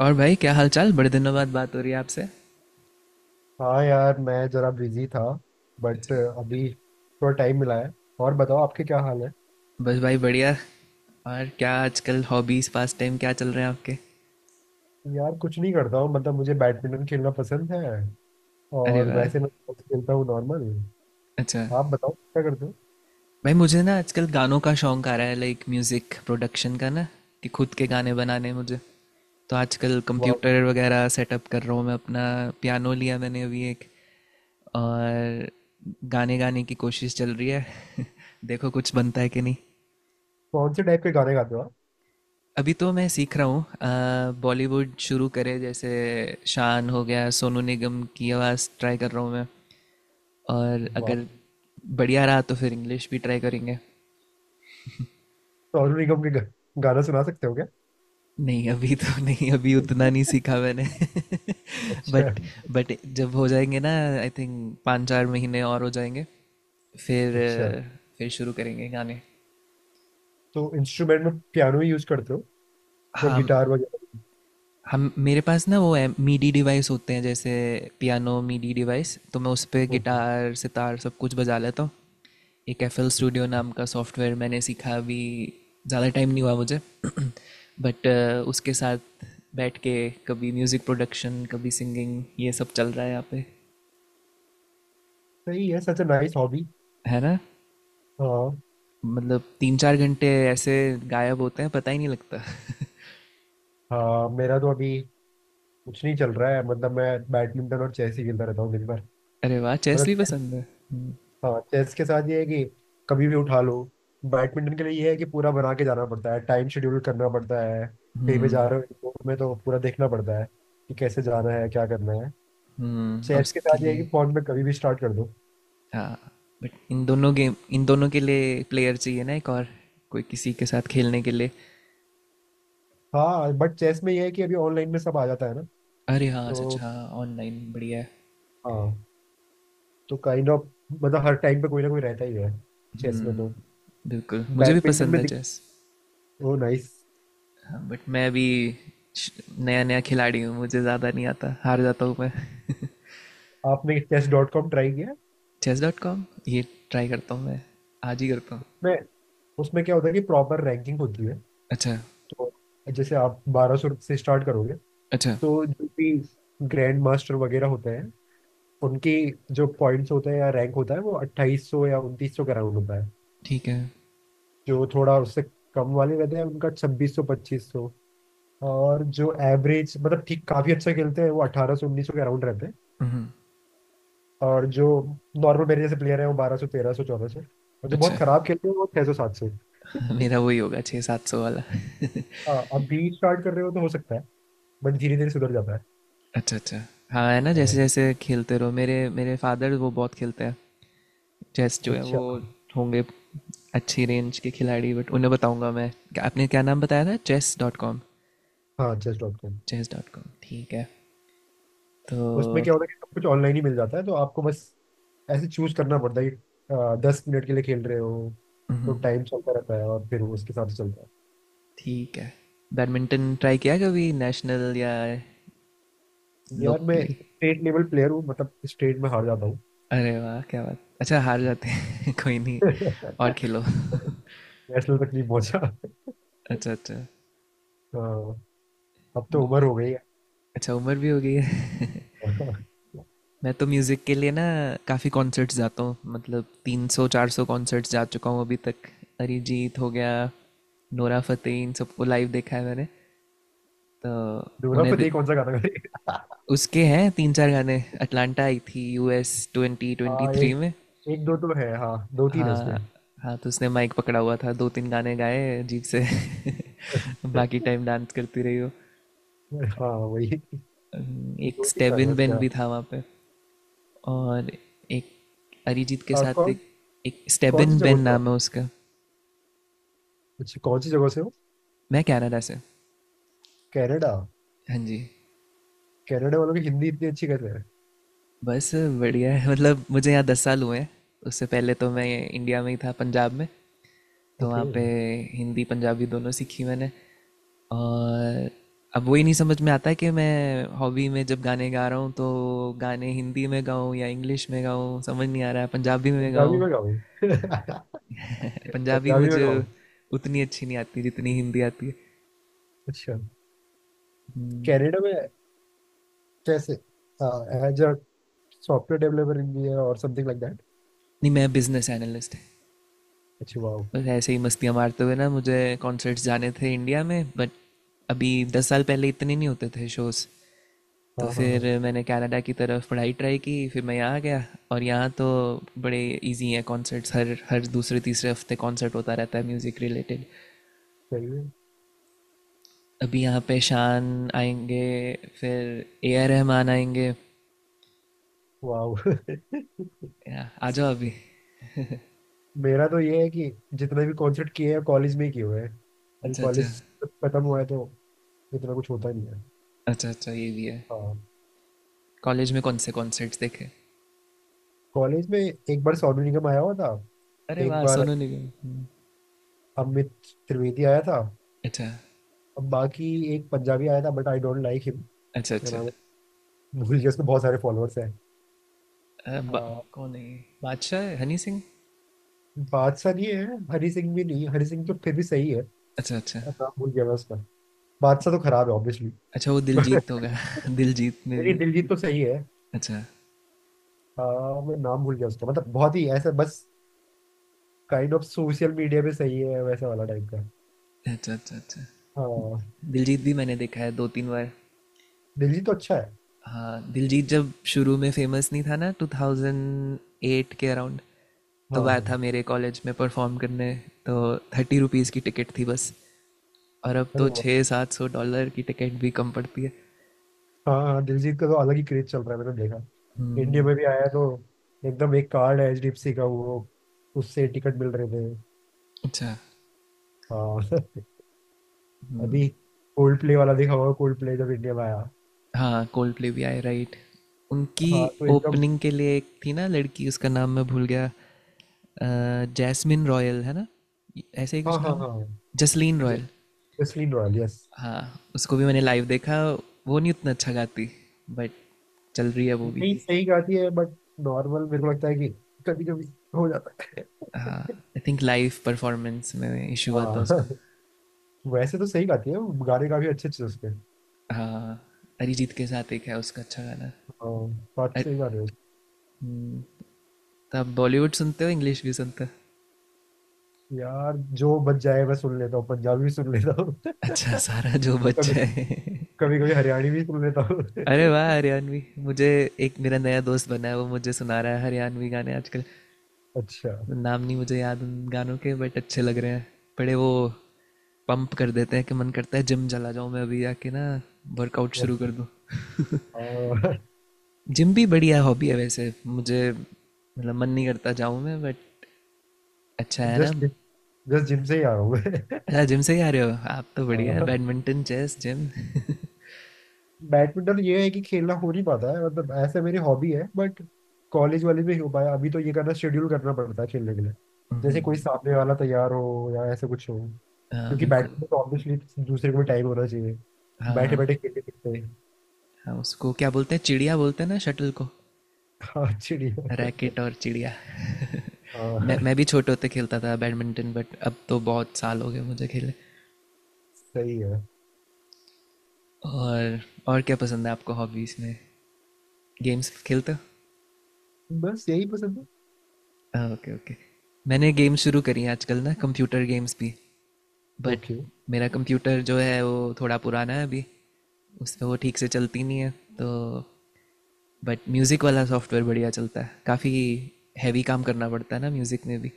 और भाई क्या हालचाल, बड़े दिनों बाद बात हो रही है आपसे। हाँ यार मैं जरा बिजी था बट अभी थोड़ा टाइम मिला है। और बताओ आपके क्या हाल है। बस भाई बढ़िया। और क्या आजकल हॉबीज़, पास टाइम क्या चल रहे हैं आपके? यार कुछ नहीं करता हूँ मतलब मुझे बैडमिंटन खेलना पसंद है। अरे और वाह। वैसे मैं sports खेलता हूँ नॉर्मल। अच्छा। आप बताओ क्या करते हो। भाई मुझे ना आजकल गानों का शौक आ रहा है, लाइक म्यूज़िक प्रोडक्शन का ना कि खुद के गाने बनाने मुझे। तो आजकल वाह। कंप्यूटर वगैरह सेटअप कर रहा हूँ मैं अपना। पियानो लिया मैंने अभी एक। और गाने गाने की कोशिश चल रही है। देखो कुछ बनता है कि नहीं। कौन से टाइप के गाने गाते हो आप। अभी तो मैं सीख रहा हूँ, बॉलीवुड शुरू करे जैसे, शान हो गया, सोनू निगम की आवाज़ ट्राई कर रहा हूँ मैं। और वाह। अगर बढ़िया रहा तो फिर इंग्लिश भी ट्राई करेंगे। सोनू निगम के गाना सुना सकते हो क्या? नहीं अभी तो नहीं, अभी उतना नहीं सीखा मैंने। अच्छा। बट जब हो जाएंगे ना, आई थिंक पाँच चार महीने और हो जाएंगे। फिर अच्छा शुरू करेंगे गाने। तो इंस्ट्रूमेंट में पियानो ही यूज करते हो या हाँ। गिटार वगैरह। हम, मेरे पास ना वो है, मीडी डिवाइस होते हैं जैसे पियानो मीडी डिवाइस, तो मैं उस पे ओके। गिटार सितार सब कुछ बजा लेता हूँ। एक एफ एल स्टूडियो नाम का सॉफ्टवेयर मैंने सीखा अभी, ज़्यादा टाइम नहीं हुआ मुझे। बट उसके साथ बैठ के कभी म्यूज़िक प्रोडक्शन, कभी सिंगिंग, ये सब चल रहा है यहाँ पे। सही है। Such a nice hobby. है ना। हाँ। मतलब 3-4 घंटे ऐसे गायब होते हैं, पता ही नहीं लगता। हाँ मेरा तो अभी कुछ नहीं चल रहा है मतलब मैं बैडमिंटन और चेस ही खेलता रहता हूँ दिन भर। अरे वाह, चेस मतलब भी चेस-। पसंद है। हम्म। हाँ चेस के साथ ये है कि कभी भी उठा लो। बैडमिंटन के लिए ये है कि पूरा बना के जाना पड़ता है। टाइम शेड्यूल करना पड़ता है। कहीं पे जा हम्म। रहे हो airport में तो पूरा देखना पड़ता है कि कैसे जाना है क्या करना है। और चेस के उसके साथ ये है कि लिए। फोन में कभी भी स्टार्ट कर दो। हाँ बट इन दोनों गेम, इन दोनों के लिए प्लेयर चाहिए ना एक और, कोई किसी के साथ खेलने के लिए। हाँ बट चेस में ये है कि अभी ऑनलाइन में सब आ जाता है ना। अरे हाँ सच, तो हाँ। ऑनलाइन बढ़िया है। हाँ, तो काइंड ऑफ मतलब हर टाइम पे कोई ना कोई रहता ही है चेस में तो। हम्म, बिल्कुल मुझे भी बैडमिंटन पसंद में है दिख। चेस। Oh nice. हाँ बट मैं अभी नया नया खिलाड़ी हूँ, मुझे ज़्यादा नहीं आता, हार जाता हूँ मैं। आपने चेस डॉट कॉम ट्राई किया? चेस डॉट कॉम, ये ट्राई करता हूँ मैं, आज ही करता हूँ। मैं। उसमें क्या होता है कि प्रॉपर रैंकिंग होती है। अच्छा तो जैसे आप 1200 से स्टार्ट करोगे। अच्छा। तो जो भी ग्रैंड मास्टर वगैरह होते हैं उनकी जो पॉइंट्स होते हैं या रैंक होता है वो 2800 या 2900 के अराउंड होता है। ठीक है। जो थोड़ा उससे कम वाले रहते हैं उनका 2600 2500। और जो एवरेज मतलब ठीक काफी अच्छा खेलते हैं वो 1800 1900 के अराउंड रहते हैं। हम्म। और जो नॉर्मल मेरे जैसे प्लेयर है वो 1200 1300 1400 और जो अच्छा बहुत खराब खेलते हैं वो 600 700। मेरा वही होगा, 600-700 वाला। हाँ अभी स्टार्ट कर रहे हो तो हो सकता है बट धीरे धीरे सुधर जाता है। अच्छा अच्छा। हाँ है ना, जैसे हाँ। जैसे खेलते रहो, मेरे मेरे फादर वो बहुत खेलते हैं, चेस जो है अच्छा। वो, होंगे अच्छी रेंज के खिलाड़ी। बट उन्हें बताऊंगा मैं, क्या- आपने क्या नाम बताया था, चेस डॉट कॉम? हाँ just dot com. Chess dot com, ठीक है। तो उसमें क्या होता है कि सब कुछ ऑनलाइन ही मिल जाता है तो आपको बस ऐसे चूज करना पड़ता है कि 10 मिनट के लिए खेल रहे हो तो टाइम चलता रहता है और फिर वो उसके हिसाब से चलता है। ठीक है, बैडमिंटन ट्राई किया कभी, नेशनल या यार मैं लोकली? स्टेट लेवल प्लेयर हूँ मतलब स्टेट में हार जाता हूँ। अरे वाह क्या बात, अच्छा हार जाते हैं कोई नहीं, और खेलो। नेशनल तक नहीं पहुंचा। अच्छा अच्छा। हाँ, अब तो उम्र हो गई है। अच्छा, उम्र भी हो गई है। मैं तो म्यूज़िक के लिए ना काफ़ी कॉन्सर्ट्स जाता हूँ, मतलब 300-400 कॉन्सर्ट्स जा चुका हूँ अभी तक। अरिजीत हो गया, नोरा फतेही, इन सबको लाइव देखा है मैंने। तो दूरा उन्हें दे- फतेह कौन सा गाना गाएगा? उसके हैं 3-4 गाने, अटलांटा आई थी यूएस ट्वेंटी ट्वेंटी हाँ थ्री एक में। एक दो तो है। हाँ दो तीन है हाँ उसके। हाँ, तो उसने माइक पकड़ा हुआ था, 2-3 गाने गाए अजीब से। बाकी टाइम डांस करती रही हो। हाँ वही। एक दो तीन कर रहे स्टेबिन हैं उसके। बेन भी था वहाँ पे, और एक अरिजीत के साथ, हाँ। एक एक कौन सी स्टेबिन जगह बेन से हो? आप? नाम है उसका। अच्छा, कौन सी जगह से हो? मैं कनाडा से। कनाडा। हाँ जी। कनाडा वालों की हिंदी इतनी अच्छी कर रहे हैं। बस बढ़िया है, मतलब मुझे यहाँ 10 साल हुए हैं। उससे पहले तो मैं इंडिया में ही था, पंजाब में। तो वहाँ ओके। पे हिंदी पंजाबी दोनों सीखी मैंने। और अब वही नहीं समझ में आता कि मैं हॉबी में जब गाने गा रहा हूँ तो गाने हिंदी में गाऊँ या इंग्लिश में गाऊँ, समझ नहीं आ रहा है, पंजाबी में पंजाबी गाऊँ। में गाओ। पंजाबी पंजाबी में मुझे गाओ। उतनी अच्छी नहीं आती जितनी हिंदी आती है। अच्छा। कनाडा में कैसे? हाँ, as a software developer engineer और समथिंग लाइक दैट। नहीं मैं बिजनेस एनालिस्ट है। अच्छा वाओ। बस ऐसे ही मस्तियाँ मारते हुए ना, मुझे कॉन्सर्ट्स जाने थे इंडिया में, बट अभी 10 साल पहले इतने नहीं होते थे शोज़। तो हाँ हाँ हाँ। फिर मैंने कनाडा की तरफ पढ़ाई ट्राई की, फिर मैं यहाँ आ गया। और यहाँ तो बड़े इजी हैं कॉन्सर्ट्स, हर हर दूसरे तीसरे हफ्ते कॉन्सर्ट होता रहता है म्यूज़िक रिलेटेड। सही है। अभी यहाँ पे शान आएंगे, फिर ए आर रहमान आएंगे, वाओ। या, आ जाओ अभी। मेरा तो ये है कि जितने भी कॉन्सर्ट किए हैं कॉलेज में ही किए हुए हैं। अभी अच्छा अच्छा। कॉलेज खत्म हुआ है तो इतना कुछ होता नहीं है। अच्छा अच्छा, ये भी है। हाँ। कॉलेज में कौन से कॉन्सर्ट्स देखे? कॉलेज में एक बार सोनू निगम आया हुआ था। अरे एक वाह बार सोनू निगम, अमित त्रिवेदी आया था। अच्छा अब बाकी एक पंजाबी आया था but I don't like him. अच्छा क्या अच्छा, नाम है। भूल गया। उसके बहुत सारे फॉलोअर्स हैं। अ, आ, बा, कौन है ये? बादशाह है, हनी सिंह? बादशाह नहीं है, हरी सिंह भी नहीं। हरी सिंह तो फिर भी सही है। अच्छा अच्छा। नाम भूल गया मैं उसका। बादशाह तो खराब है ऑब्वियसली। अच्छा वो दिलजीत होगा दिलजीत में मेरी भी। दिलजीत तो सही है। अच्छा। आ, मैं नाम भूल गया उसका मतलब बहुत ही ऐसा बस काइंड ऑफ सोशल मीडिया पे सही है वैसा वाला टाइप का। अच्छा। अच्छा अच्छा, हाँ। दिलजीत भी मैंने देखा है 2-3 बार। दिलजीत तो अच्छा है। हाँ दिलजीत जब शुरू में फेमस नहीं था ना, 2008 के अराउंड, तो हाँ वह हाँ। था मेरे कॉलेज में परफॉर्म करने। तो 30 रुपीज़ की टिकट थी बस, और अब तो अरे वाह। 600-700 डॉलर की टिकट भी कम पड़ती है। हाँ हाँ, दिलजीत का तो अलग ही क्रेज चल रहा है मैंने देखा। इंडिया में भी आया तो एकदम। एक कार्ड है एचडीएफसी का, वो उससे टिकट मिल रहे थे। अच्छा। हाँ। अभी कोल्ड प्ले वाला देखा होगा। कोल्ड प्ले जब इंडिया में आया। हाँ कोल्डप्ले भी आए, राइट? उनकी हाँ तो एकदम। ओपनिंग के लिए एक थी ना लड़की, उसका नाम मैं भूल गया, जैस्मिन रॉयल है ना, ऐसे ही हाँ कुछ हाँ नाम है, हाँ। Jasleen Royal. Justin Noel. Yes. हाँ उसको भी मैंने लाइव देखा, वो नहीं उतना अच्छा गाती, बट चल रही है वो भी। नहीं, सही गाती है बट नॉर्मल मेरे को लगता है कि कभी कभी हो जाता है। हाँ I think live performance issue इशू हुआ था हाँ। उसका। वैसे तो सही गाती है। गाने काफी अच्छे अच्छे उसके। हाँ अरिजीत के साथ एक है उसका अच्छा गाना। हाँ। काफी अर- सही गाने हैं उसके। हम्म, तो आप बॉलीवुड सुनते हो, इंग्लिश भी सुनते हो? यार जो बच जाए मैं सुन लेता हूँ, पंजाबी भी सुन लेता हूँ। अच्छा कभी सारा जो बच्चा है। कभी कभी हरियाणी भी सुन लेता हूँ। अरे वाह, हरियाणवी। मुझे एक मेरा नया दोस्त बना है, वो मुझे सुना रहा है हरियाणवी गाने आजकल। अच्छा। नाम नहीं मुझे याद उन गानों के, बट अच्छे लग रहे हैं। बड़े वो पंप कर देते हैं कि मन करता है जिम चला जाऊँ मैं अभी आके ना, वर्कआउट शुरू कर दूँ। और जिम भी बढ़िया हॉबी है वैसे, मुझे मतलब मन नहीं करता जाऊँ मैं, बट अच्छा है ना। जस्ट जस्ट जिम से ही आ रहा हूँ मैं। अच्छा जिम से ही आ रहे हो, आप तो बढ़िया है, uh, badminton chess gym. Badminton ये है कि खेलना हो नहीं पाता है मतलब ऐसे मेरी हॉबी है बट कॉलेज वाले में ही हो पाया। अभी तो ये करना शेड्यूल करना पड़ता है खेलने के लिए। जैसे कोई सामने वाला तैयार हो या ऐसे कुछ हो, हाँ क्योंकि बिल्कुल। बैडमिंटन तो ऑब्वियसली दूसरे को भी टाइम होना चाहिए। बैठे हाँ बैठे खेलते खेलते। हाँ, उसको क्या बोलते हैं, चिड़िया बोलते हैं ना शटल को? हाँ चिड़िया। रैकेट और चिड़िया। मैं हाँ। मैं भी छोटे होते खेलता था बैडमिंटन, बट अब तो बहुत साल हो गए मुझे खेले। सही है। और और क्या पसंद है आपको हॉबीज़ में, गेम्स खेलते बस यही पसंद है। हो? ओके ओके, मैंने गेम्स शुरू करी हैं आजकल ना, कंप्यूटर गेम्स भी, बट ओके। मेरा कंप्यूटर जो है वो थोड़ा पुराना है अभी, उस पर वो ठीक से चलती नहीं है तो। बट म्यूज़िक वाला सॉफ्टवेयर बढ़िया चलता है काफ़ी, हैवी काम करना पड़ता है ना म्यूज़िक में भी।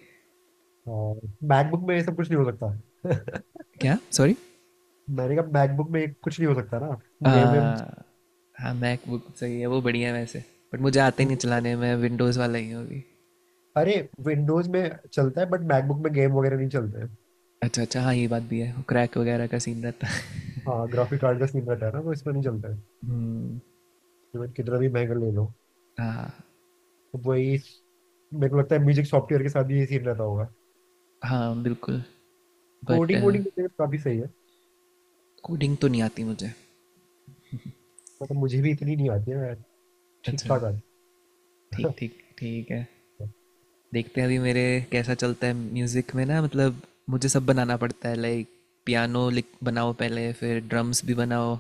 मैकबुक में ये सब कुछ नहीं हो सकता। क्या सॉरी? मैंने कहा मैकबुक में ये कुछ नहीं हो सकता ना, गेम वेम। आ, हाँ मैकबुक सही है, वो बढ़िया है वैसे, बट मुझे आते ही नहीं चलाने, मैं विंडोज़ वाला ही हूँ अभी। अरे, विंडोज में चलता है बट मैकबुक में गेम वगैरह नहीं चलते हैं। अच्छा अच्छा, हाँ ये बात भी है, क्रैक वगैरह का सीन रहता है। हाँ, ग्राफिक कार्ड का सीन रहता है ना, तो इसमें नहीं चलता है। हम्म, इवन कितना भी महंगा ले लो। हाँ तो वही, मेरे को लगता है म्यूजिक सॉफ्टवेयर के साथ भी ये सीन रहता होगा। हाँ बिल्कुल, बट कोडिंग वोडिंग तो काफी सही है। कोडिंग तो नहीं आती मुझे। मतलब मुझे भी इतनी नहीं आती है, मैं ठीक अच्छा, ठाक आती है। ठीक ठीक, ठीक है। देखते हैं अभी मेरे कैसा चलता है म्यूज़िक में ना, मतलब मुझे सब बनाना पड़ता है, लाइक पियानो लिख बनाओ पहले, फिर ड्रम्स भी बनाओ,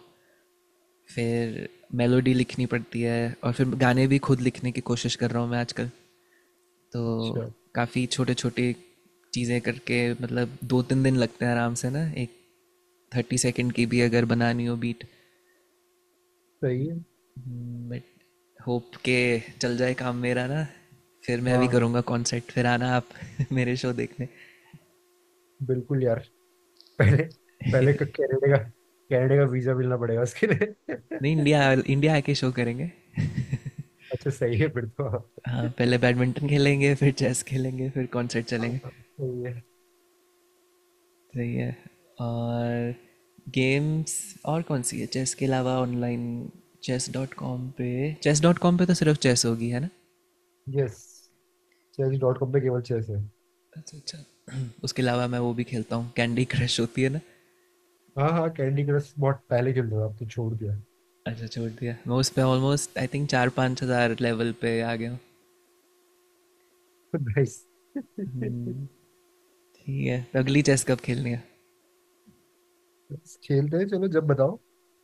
फिर मेलोडी लिखनी पड़ती है, और फिर गाने भी खुद लिखने की कोशिश कर रहा हूँ मैं आजकल। तो अच्छा काफ़ी छोटे छोटे चीज़ें करके, मतलब 2-3 दिन लगते हैं आराम से ना एक 30 सेकेंड की भी अगर बनानी हो बीट। सही है। बट होप के चल जाए काम मेरा ना, फिर मैं हाँ भी हाँ करूँगा कॉन्सर्ट, फिर आना आप मेरे शो देखने। बिल्कुल यार। पहले पहले कनाडा का वीजा मिलना पड़ेगा उसके लिए। नहीं इंडिया, इंडिया आके शो करेंगे। अच्छा सही है फिर तो। हाँ पहले बैडमिंटन खेलेंगे, फिर चेस खेलेंगे, फिर कॉन्सर्ट हाँ, चलेंगे। सही है। सही है। और गेम्स, और कौन सी है चेस के अलावा ऑनलाइन? चेस डॉट कॉम पे, चेस डॉट कॉम पे तो सिर्फ चेस होगी है ना? यस, चेस डॉट कॉम पे केवल चेस है। अच्छा अच्छा। उसके अलावा मैं वो भी खेलता हूँ, कैंडी क्रश होती है ना। हाँ हाँ, कैंडी क्रश बहुत पहले खेलते थे, अब तो छोड़ दिया। अच्छा छोड़ दिया, मैं उस पर ऑलमोस्ट आई थिंक 4-5 हज़ार लेवल पे आ गया हूँ। नाइस। हम्म, ठीक है, तो अगली चेस कब खेलनी है? खेलते हैं, चलो जब बताओ।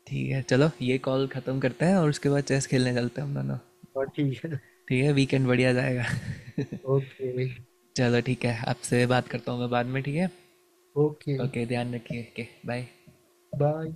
ठीक है चलो, ये कॉल ख़त्म करते हैं और उसके बाद चेस खेलने चलते हैं हम दोनों। हाँ, ठीक है। ठीक है वीकेंड बढ़िया जाएगा। ओके। चलो ठीक है, आपसे बात करता हूँ मैं बाद में, ठीक है। ओके, ओके ध्यान रखिए, ओके बाय। बाय।